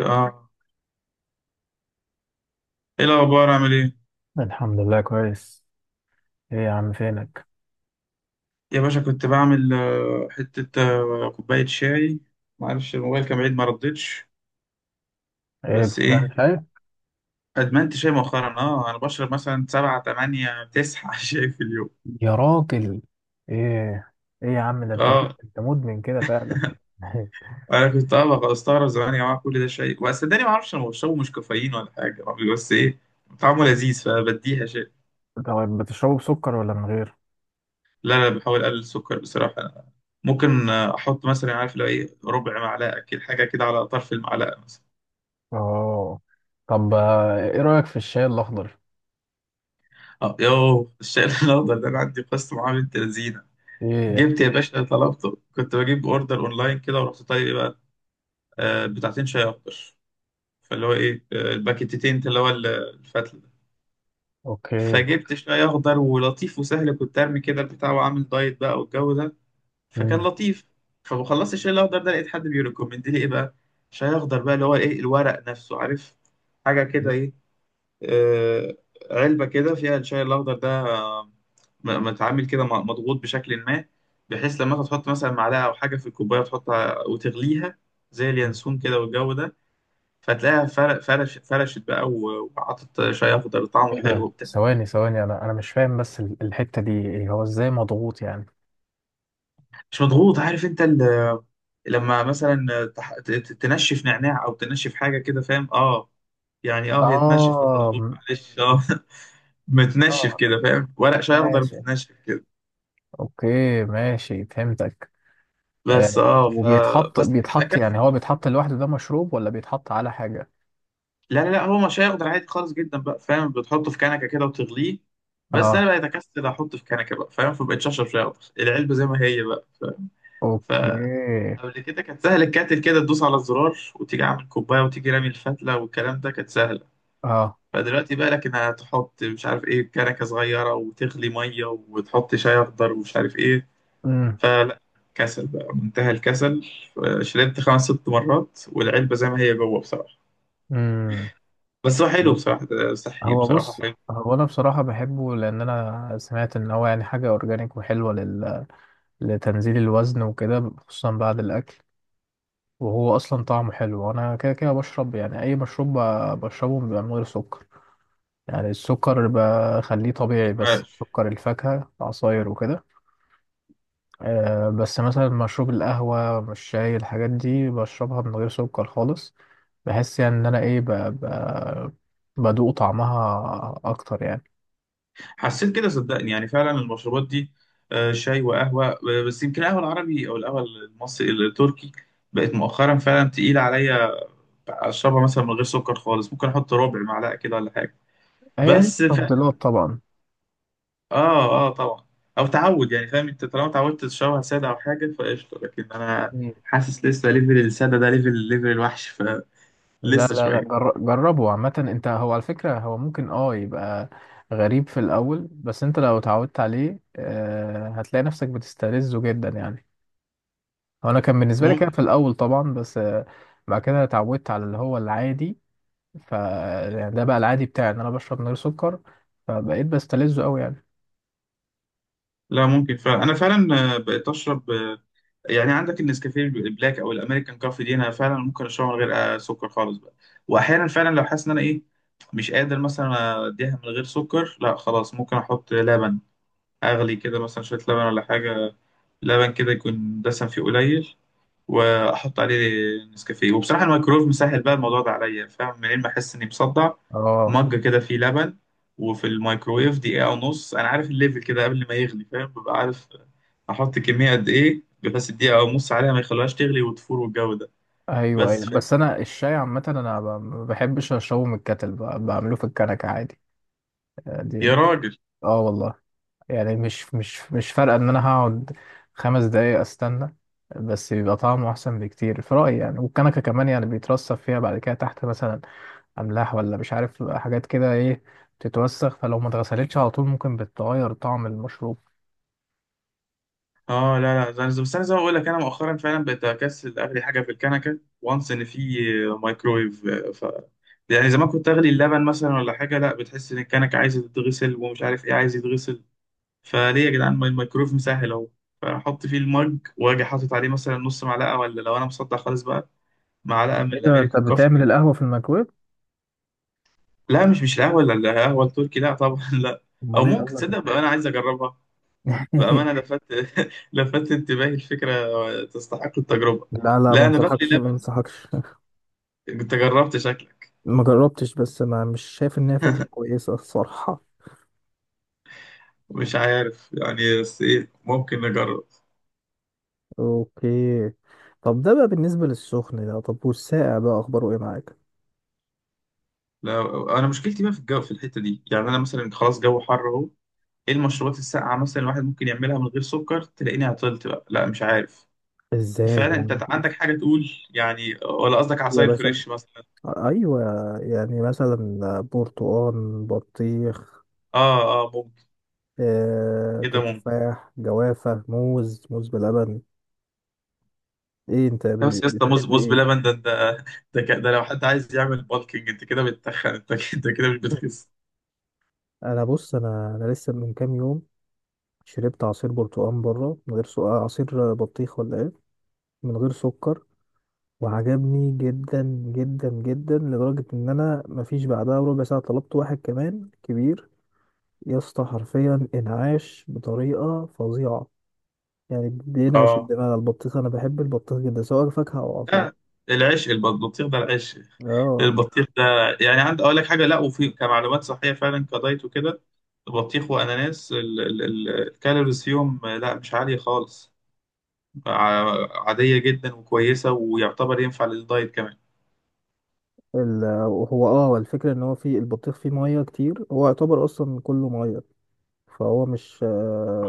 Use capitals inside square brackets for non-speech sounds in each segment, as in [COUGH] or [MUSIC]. اه ايه الاخبار عامل ايه؟ الحمد لله كويس. ايه يا عم فينك؟ يا باشا كنت بعمل حته، كوبايه شاي. معرفش، الموبايل كان بعيد ما ردتش. ايه بس بتعمل ايه، شاي؟ ادمنت شاي مؤخرا، انا بشرب مثلا سبعة تمانية تسعة [LAUGHS] شاي في اليوم. يا راجل، ايه. ايه يا عم، ده اه، انت مدمن كده فعلا. [LAUGHS] انا كنت بقى استغرب زمان يا جماعه كل ده شاي، بس صدقني ما اعرفش، انا بشربه مش كافيين ولا حاجه، بس ايه، طعمه لذيذ فبديها شاي. طب بتشربه بسكر ولا من غير؟ لا لا، بحاول اقلل السكر بصراحه أنا. ممكن احط مثلا، عارف، لو ايه ربع معلقه كده، حاجه كده على طرف المعلقه مثلا. اه. طب، ايه رأيك في الشاي الاخضر؟ اه، يو الشاي [LAUGHS] الاخضر ده انا عندي قصه معاه بنت لذينه. ايه، جبت احكي يا لي. باشا، طلبته كنت بجيب اوردر اونلاين كده، ورحت طيب ايه بقى، آه، بتاعتين شاي اخضر. فاللي هو ايه، آه، الباكيتتين اللي هو الفتله ده. اوكي. فجبت شاي اخضر ولطيف وسهل، كنت ارمي كده البتاع، وعامل دايت بقى والجو ده، فكان مم. لطيف. فخلصت الشاي الاخضر ده، لقيت حد بيريكومند لي ايه بقى، شاي اخضر بقى اللي هو ايه الورق نفسه، عارف، حاجه كده ايه، آه، علبة كده فيها الشاي الأخضر ده، آه، متعامل كده مضغوط بشكل ما، بحيث لما تحط مثلا معلقة أو حاجة في الكوباية تحطها وتغليها زي مم. اليانسون كده والجو ده. فتلاقيها فرق فرشت بقى وعطت شاي أخضر طعمه ايه حلو ده؟ وبتاع. ثواني ثواني، انا مش فاهم، بس الحتة دي إيه؟ هو ازاي مضغوط يعني؟ مش مضغوط عارف أنت لما مثلا تنشف نعناع أو تنشف حاجة كده، فاهم، أه، يعني أه، هي تنشف، مش اه. مضغوط، معلش أه. [LAUGHS] متنشف اه، كده، فاهم، ورق شاي أخضر ماشي، متنشف كده. اوكي، ماشي فهمتك. آه، بس اه، ف، وبيتحط بس بيتحط يعني، بكسل هو بقى. بيتحط لوحده؟ ده مشروب ولا بيتحط على حاجة؟ لا، هو مش هيقدر، عادي خالص جدا بقى، فاهم، بتحطه في كنكه كده وتغليه. بس انا اه، بقيت اكسل احطه في كنكه بقى، فاهم، فبقيت اشرب شاي اخضر العلبه زي ما هي بقى، ف... اوكي، فقبل كده كانت سهل، الكاتل كده تدوس على الزرار وتيجي عامل كوبايه وتيجي رامي الفتله والكلام ده، كانت سهله. اه. فدلوقتي بقى لك انها تحط مش عارف ايه كنكه صغيره وتغلي ميه وتحط شاي اخضر ومش عارف ايه، امم فلا، كسل بقى، منتهى الكسل. شربت خمس ست مرات والعلبه زي ما هي جوه بصراحه. امم بس هو حلو بصراحة، صحي هو بصراحة بص، حلو. هو انا بصراحة بحبه لان انا سمعت ان هو يعني حاجة اورجانيك وحلوة لل... لتنزيل الوزن وكده، خصوصا بعد الاكل. وهو اصلا طعمه حلو، وانا كده كده بشرب، يعني اي مشروب بشربه بيبقى من غير سكر. يعني السكر بخليه طبيعي، بس عاش. سكر الفاكهة، عصاير وكده. بس مثلا مشروب القهوة، الشاي، الحاجات دي بشربها من غير سكر خالص. بحس يعني إن أنا بدوق طعمها أكتر يعني. حسيت كده صدقني، يعني فعلا المشروبات دي، شاي وقهوة، بس يمكن القهوة العربي أو القهوة المصري التركي بقت مؤخرا فعلا تقيلة عليا. أشربها مثلا من غير سكر خالص، ممكن أحط ربع معلقة كده ولا حاجة. هي دي بس فعلا، التفضيلات طبعا. آه آه، طبعا. أو تعود، يعني فاهم أنت، طالما اتعودت تشربها سادة أو حاجة فقشطة، لكن أنا مم. حاسس لسه ليفل السادة ده ليفل ليفل الوحش، لا فلسه لا لا، شوية. جربه عامة. أنت هو على فكرة هو ممكن يبقى غريب في الأول، بس أنت لو اتعودت عليه هتلاقي نفسك بتستلذه جدا يعني. هو أنا كان بالنسبة لي كده في ممكن، الأول طبعا، بس بعد كده اتعودت على اللي هو العادي. ف يعني ده بقى العادي بتاعي، ان انا بشرب من غير سكر، فبقيت بستلذه قوي يعني. لا ممكن فعلا، أنا فعلا بقيت أشرب يعني عندك النسكافيه البلاك او الامريكان كوفي دي، انا فعلا ممكن اشربها من غير سكر خالص بقى. واحيانا فعلا لو حاسس ان انا ايه، مش قادر مثلا اديها من غير سكر، لا خلاص ممكن احط لبن، اغلي كده مثلا شويه لبن ولا حاجه، لبن كده يكون دسم فيه قليل، واحط عليه نسكافيه. وبصراحه الميكرويف مسهل بقى الموضوع ده عليا، فاهم، منين ما احس اني مصدع، اه، مج كده فيه لبن وفي الميكرويف دقيقه ونص. انا عارف الليفل كده قبل ما يغلي، فاهم، ببقى عارف احط كميه قد ايه، بس الدقيقه ونص عليها ما يخلوهاش تغلي وتفور والجو ده. ايوه بس ايوه، فاهم، بس انا الشاي عامه انا ما بحبش اشربه من الكتل، بعمله في الكنكه عادي. آه، يا دي راجل. اه والله، يعني مش فارقه ان انا هقعد 5 دقايق استنى، بس بيبقى طعمه احسن بكتير في رايي يعني. والكنكه كمان يعني بيترصب فيها بعد كده تحت، مثلا املاح، ولا مش عارف حاجات كده ايه، بتتوسخ، فلو ما اتغسلتش على طول ممكن بتغير طعم المشروب. اه، لا لا، زي- بس انا زي ما بقول لك، انا مؤخرا فعلا بقيت اكسل اغلي حاجه في الكنكه، وانس ان في مايكرويف، ف، يعني زمان كنت اغلي اللبن مثلا ولا حاجه، لا بتحس ان الكنكه عايزه تتغسل ومش عارف ايه عايز يتغسل، فليه يا جدعان ما الميكرويف مسهل اهو. فاحط فيه المج، واجي حاطط عليه مثلا نص معلقه، ولا لو انا مصدع خالص بقى معلقه، من ايه ده، انت الامريكان كوفي. بتعمل القهوة في الميكرويف؟ لا، مش القهوه، لا القهوه التركي، لا طبعا [LAUGHS] لا. او امال ايه ممكن قصدك؟ تصدق بقى انا عايز اجربها، بامانه [LAUGHS] لفت [LAUGHS] لفت انتباهي الفكره، تستحق التجربه. لا لا، ما لا انا بقلي انصحكش، ما لبن. انصحكش. انت جربت، شكلك. ما جربتش، بس ما مش شايف ان هي فكرة كويسة الصراحة. مش عارف يعني، بس ايه ممكن نجرب. اوكي. طب ده بقى بالنسبة للسخن، ده طب، والساقع بقى اخباره ايه معاك؟ لا، انا مشكلتي بقى في الجو، في الحته دي، يعني انا مثلا خلاص جو حر اهو، ايه المشروبات الساقعه مثلا الواحد ممكن يعملها من غير سكر، تلاقيني عطلت بقى، لا مش عارف ازاي فعلا، يعني؟ انت عندك حاجه تقول يعني ولا قصدك يا عصاير باشا، فريش مثلا؟ ايوه. يعني مثلا برتقال، بطيخ، اه اه ممكن. كده ممكن. تفاح، جوافة، موز، موز بلبن. ايه انت لا، بس يا اسطى، موز بتحب موز ايه؟ بلبن ده، ده ده, ده لو حد عايز يعمل بالكينج، انت كده بتتخن، انت كده، انت كده مش بتخس. انا بص، انا لسه من كام يوم شربت عصير برتقال بره من غير سكر، عصير بطيخ ولا ايه، من غير سكر. وعجبني جدا جدا جدا، لدرجة ان انا مفيش بعدها ربع ساعة طلبت واحد كمان كبير. يا اسطى، حرفيا انعاش بطريقة فظيعة. يعني بينعش اه. الدماغ البطيخ، انا بحب البطيخ جدا سواء فاكهة او عصير. لا، العيش البطيخ ده، العيش اه. البطيخ ده، يعني عندي اقول لك حاجه، لا وفي كمعلومات صحيه فعلا كدايت وكده، البطيخ واناناس، الكالوريز فيهم لا مش عاليه خالص، عادية جدا وكويسة، ويعتبر ينفع للدايت كمان. ال- هو الفكرة ان هو فيه البطيخ فيه مية كتير، هو يعتبر اصلا كله مية. فهو مش،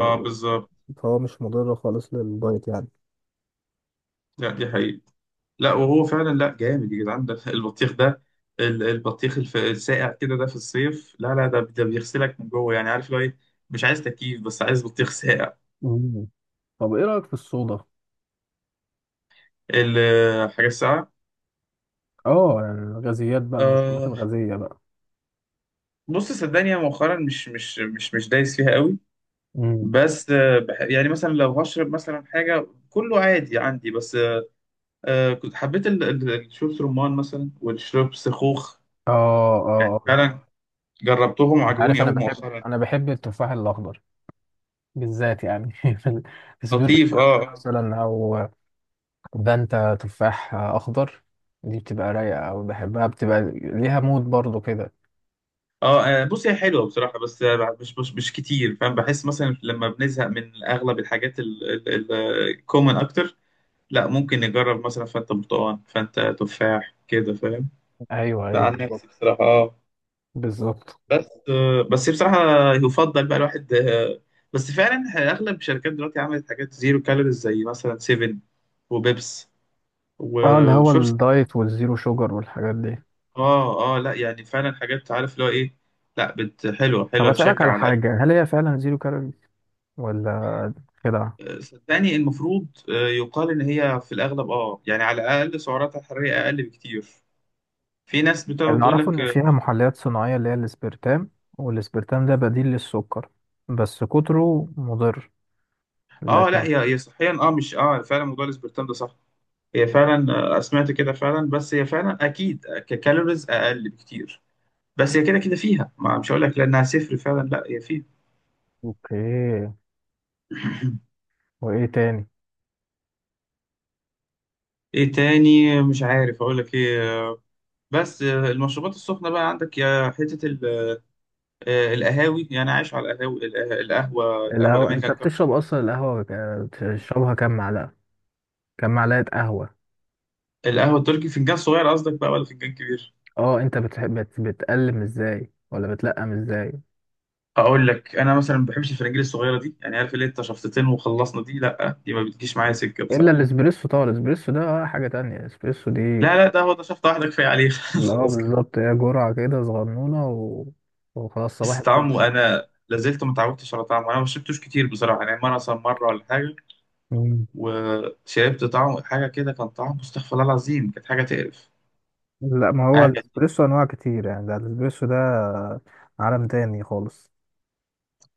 اه بالظبط. فهو مش مضر خالص للدايت يعني. لا دي حقيقة، لا وهو فعلا، لا جامد يا جدعان ده البطيخ ده، البطيخ الساقع كده ده في الصيف، لا لا ده، ده بيغسلك من جوه، يعني عارف لو ايه، مش عايز تكييف بس عايز بطيخ ساقع. مم. طب ايه رأيك في الصودا؟ الحاجة الساقعة، اه، يعني الغازيات بقى، المشروبات آه، الغازية بقى. بص صدقني أنا مؤخرا مش دايس فيها قوي. امم. بس آه، بح-، يعني مثلا لو هشرب مثلا حاجة كله عادي عندي، بس آه كنت حبيت الشرب رمان مثلا والشرب سخوخ، اه يعني اه، آه. فعلا جربتهم انت عارف وعجبوني انا قوي بحب، مؤخرا. انا بحب التفاح الاخضر بالذات يعني. [LAUGHS] في في سبيرو لطيف سباتس اه اه. مثلا، او فانتا تفاح اخضر. دي بتبقى رايقه، او بحبها، بتبقى ليها مود برضو كده. اه، بص هي حلوه بصراحه، بس مش كتير، فاهم، بحس مثلا لما بنزهق من اغلب الحاجات الكومن اكتر، لا ممكن نجرب مثلا فانتا برتقال، فانتا تفاح كده، فاهم. ايوه ده ايوه عن بالظبط. نفسي بصراحه، اه. بالظبط. بس آه، بس بصراحه، يفضل بقى الواحد آه، بس فعلا اغلب الشركات دلوقتي عملت حاجات زيرو كالوريز زي مثلا 7 وبيبس اه، اللي هو وشورس. الدايت والزيرو شوجر والحاجات دي. اه اه، لا يعني فعلا حاجات، عارف اللي هو ايه، لا بت حلوه طب حلوه، اسالك تشجع على على الاقل. حاجه، هل هي فعلا زيرو كالوري ولا كده؟ صدقني المفروض يقال ان هي في الاغلب، اه يعني على الاقل سعراتها الحراريه اقل بكتير. في ناس بتقعد اللي تقول أعرفه لك إن اه، فيها محليات صناعية، اللي هي الإسبرتام، والإسبرتام ده بديل للسكر، بس كتره مضر. لا، لكن. هي هي صحيا اه مش، اه فعلا موضوع الاسبرتام ده صح، هي فعلا سمعت كده فعلا. بس هي فعلا اكيد ككالوريز اقل بكتير، بس هي كده كده فيها، ما مش هقول لك لانها صفر فعلا، لا هي فيها. أوكي. [COUGHS] [LAUGHS] وإيه تاني. ايه تاني، مش عارف اقول لك ايه. بس المشروبات السخنة بقى عندك، يا حتة القهاوي، يعني عايش على القهاوي، القهوة القهوة، أنت الأمريكان كافي. بتشرب أصلا القهوة بتشربها كام معلقة؟ كام معلقة قهوة؟ القهوة التركي فنجان صغير قصدك بقى ولا فنجان كبير؟ أه، أنت بتحب بتقلم إزاي، ولا بتلقم إزاي؟ أقول لك أنا مثلا ما بحبش الفرنجيل الصغيرة دي، يعني عارف اللي أنت شفطتين وخلصنا دي، لأ دي ما بتجيش معايا سكة إلا بصراحة. الإسبريسو طبعا، الإسبريسو ده حاجة تانية، الإسبريسو دي. لا لا ده، هو ده شفطة واحدة كفاية عليه [LAUGHS] أه خلاص كده. بالظبط، هي جرعة كده صغنونة، و... وخلاص، بس صباح طعمه أنا لازلت ما اتعودتش على طعمه، أنا ما شربتوش كتير بصراحة يعني، مرة مثلا، مرة ولا حاجة. الفل. وشربت طعمه حاجة كده، كان طعمه استغفر الله العظيم، كانت حاجة تقرف، لا، ما هو حاجة. الاسبريسو انواع كتير يعني، ده الاسبريسو ده عالم تاني خالص.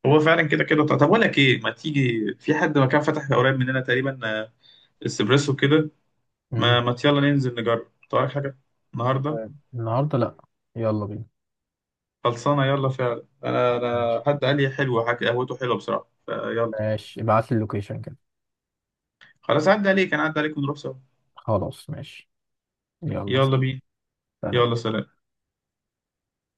هو فعلا كده كده، طب اقول لك ايه، ما تيجي في حد مكان فتح قريب مننا تقريبا، اسبريسو كده. ما مم. ما يلا ننزل نجرب طيب حاجه النهارده. فاهم. النهارده لا، يلا بينا. خلصانه، يلا فعلا، انا ماشي، حد قال لي حلوه، حاجه قهوته حلوه بصراحه، فيلا. ماشي، ابعت لي اللوكيشن كده. خلاص، عدى عليك، انا عدى عليك ونروح سوا. خلاص ماشي. يلا يلا بينا. يلا سلام. سلام.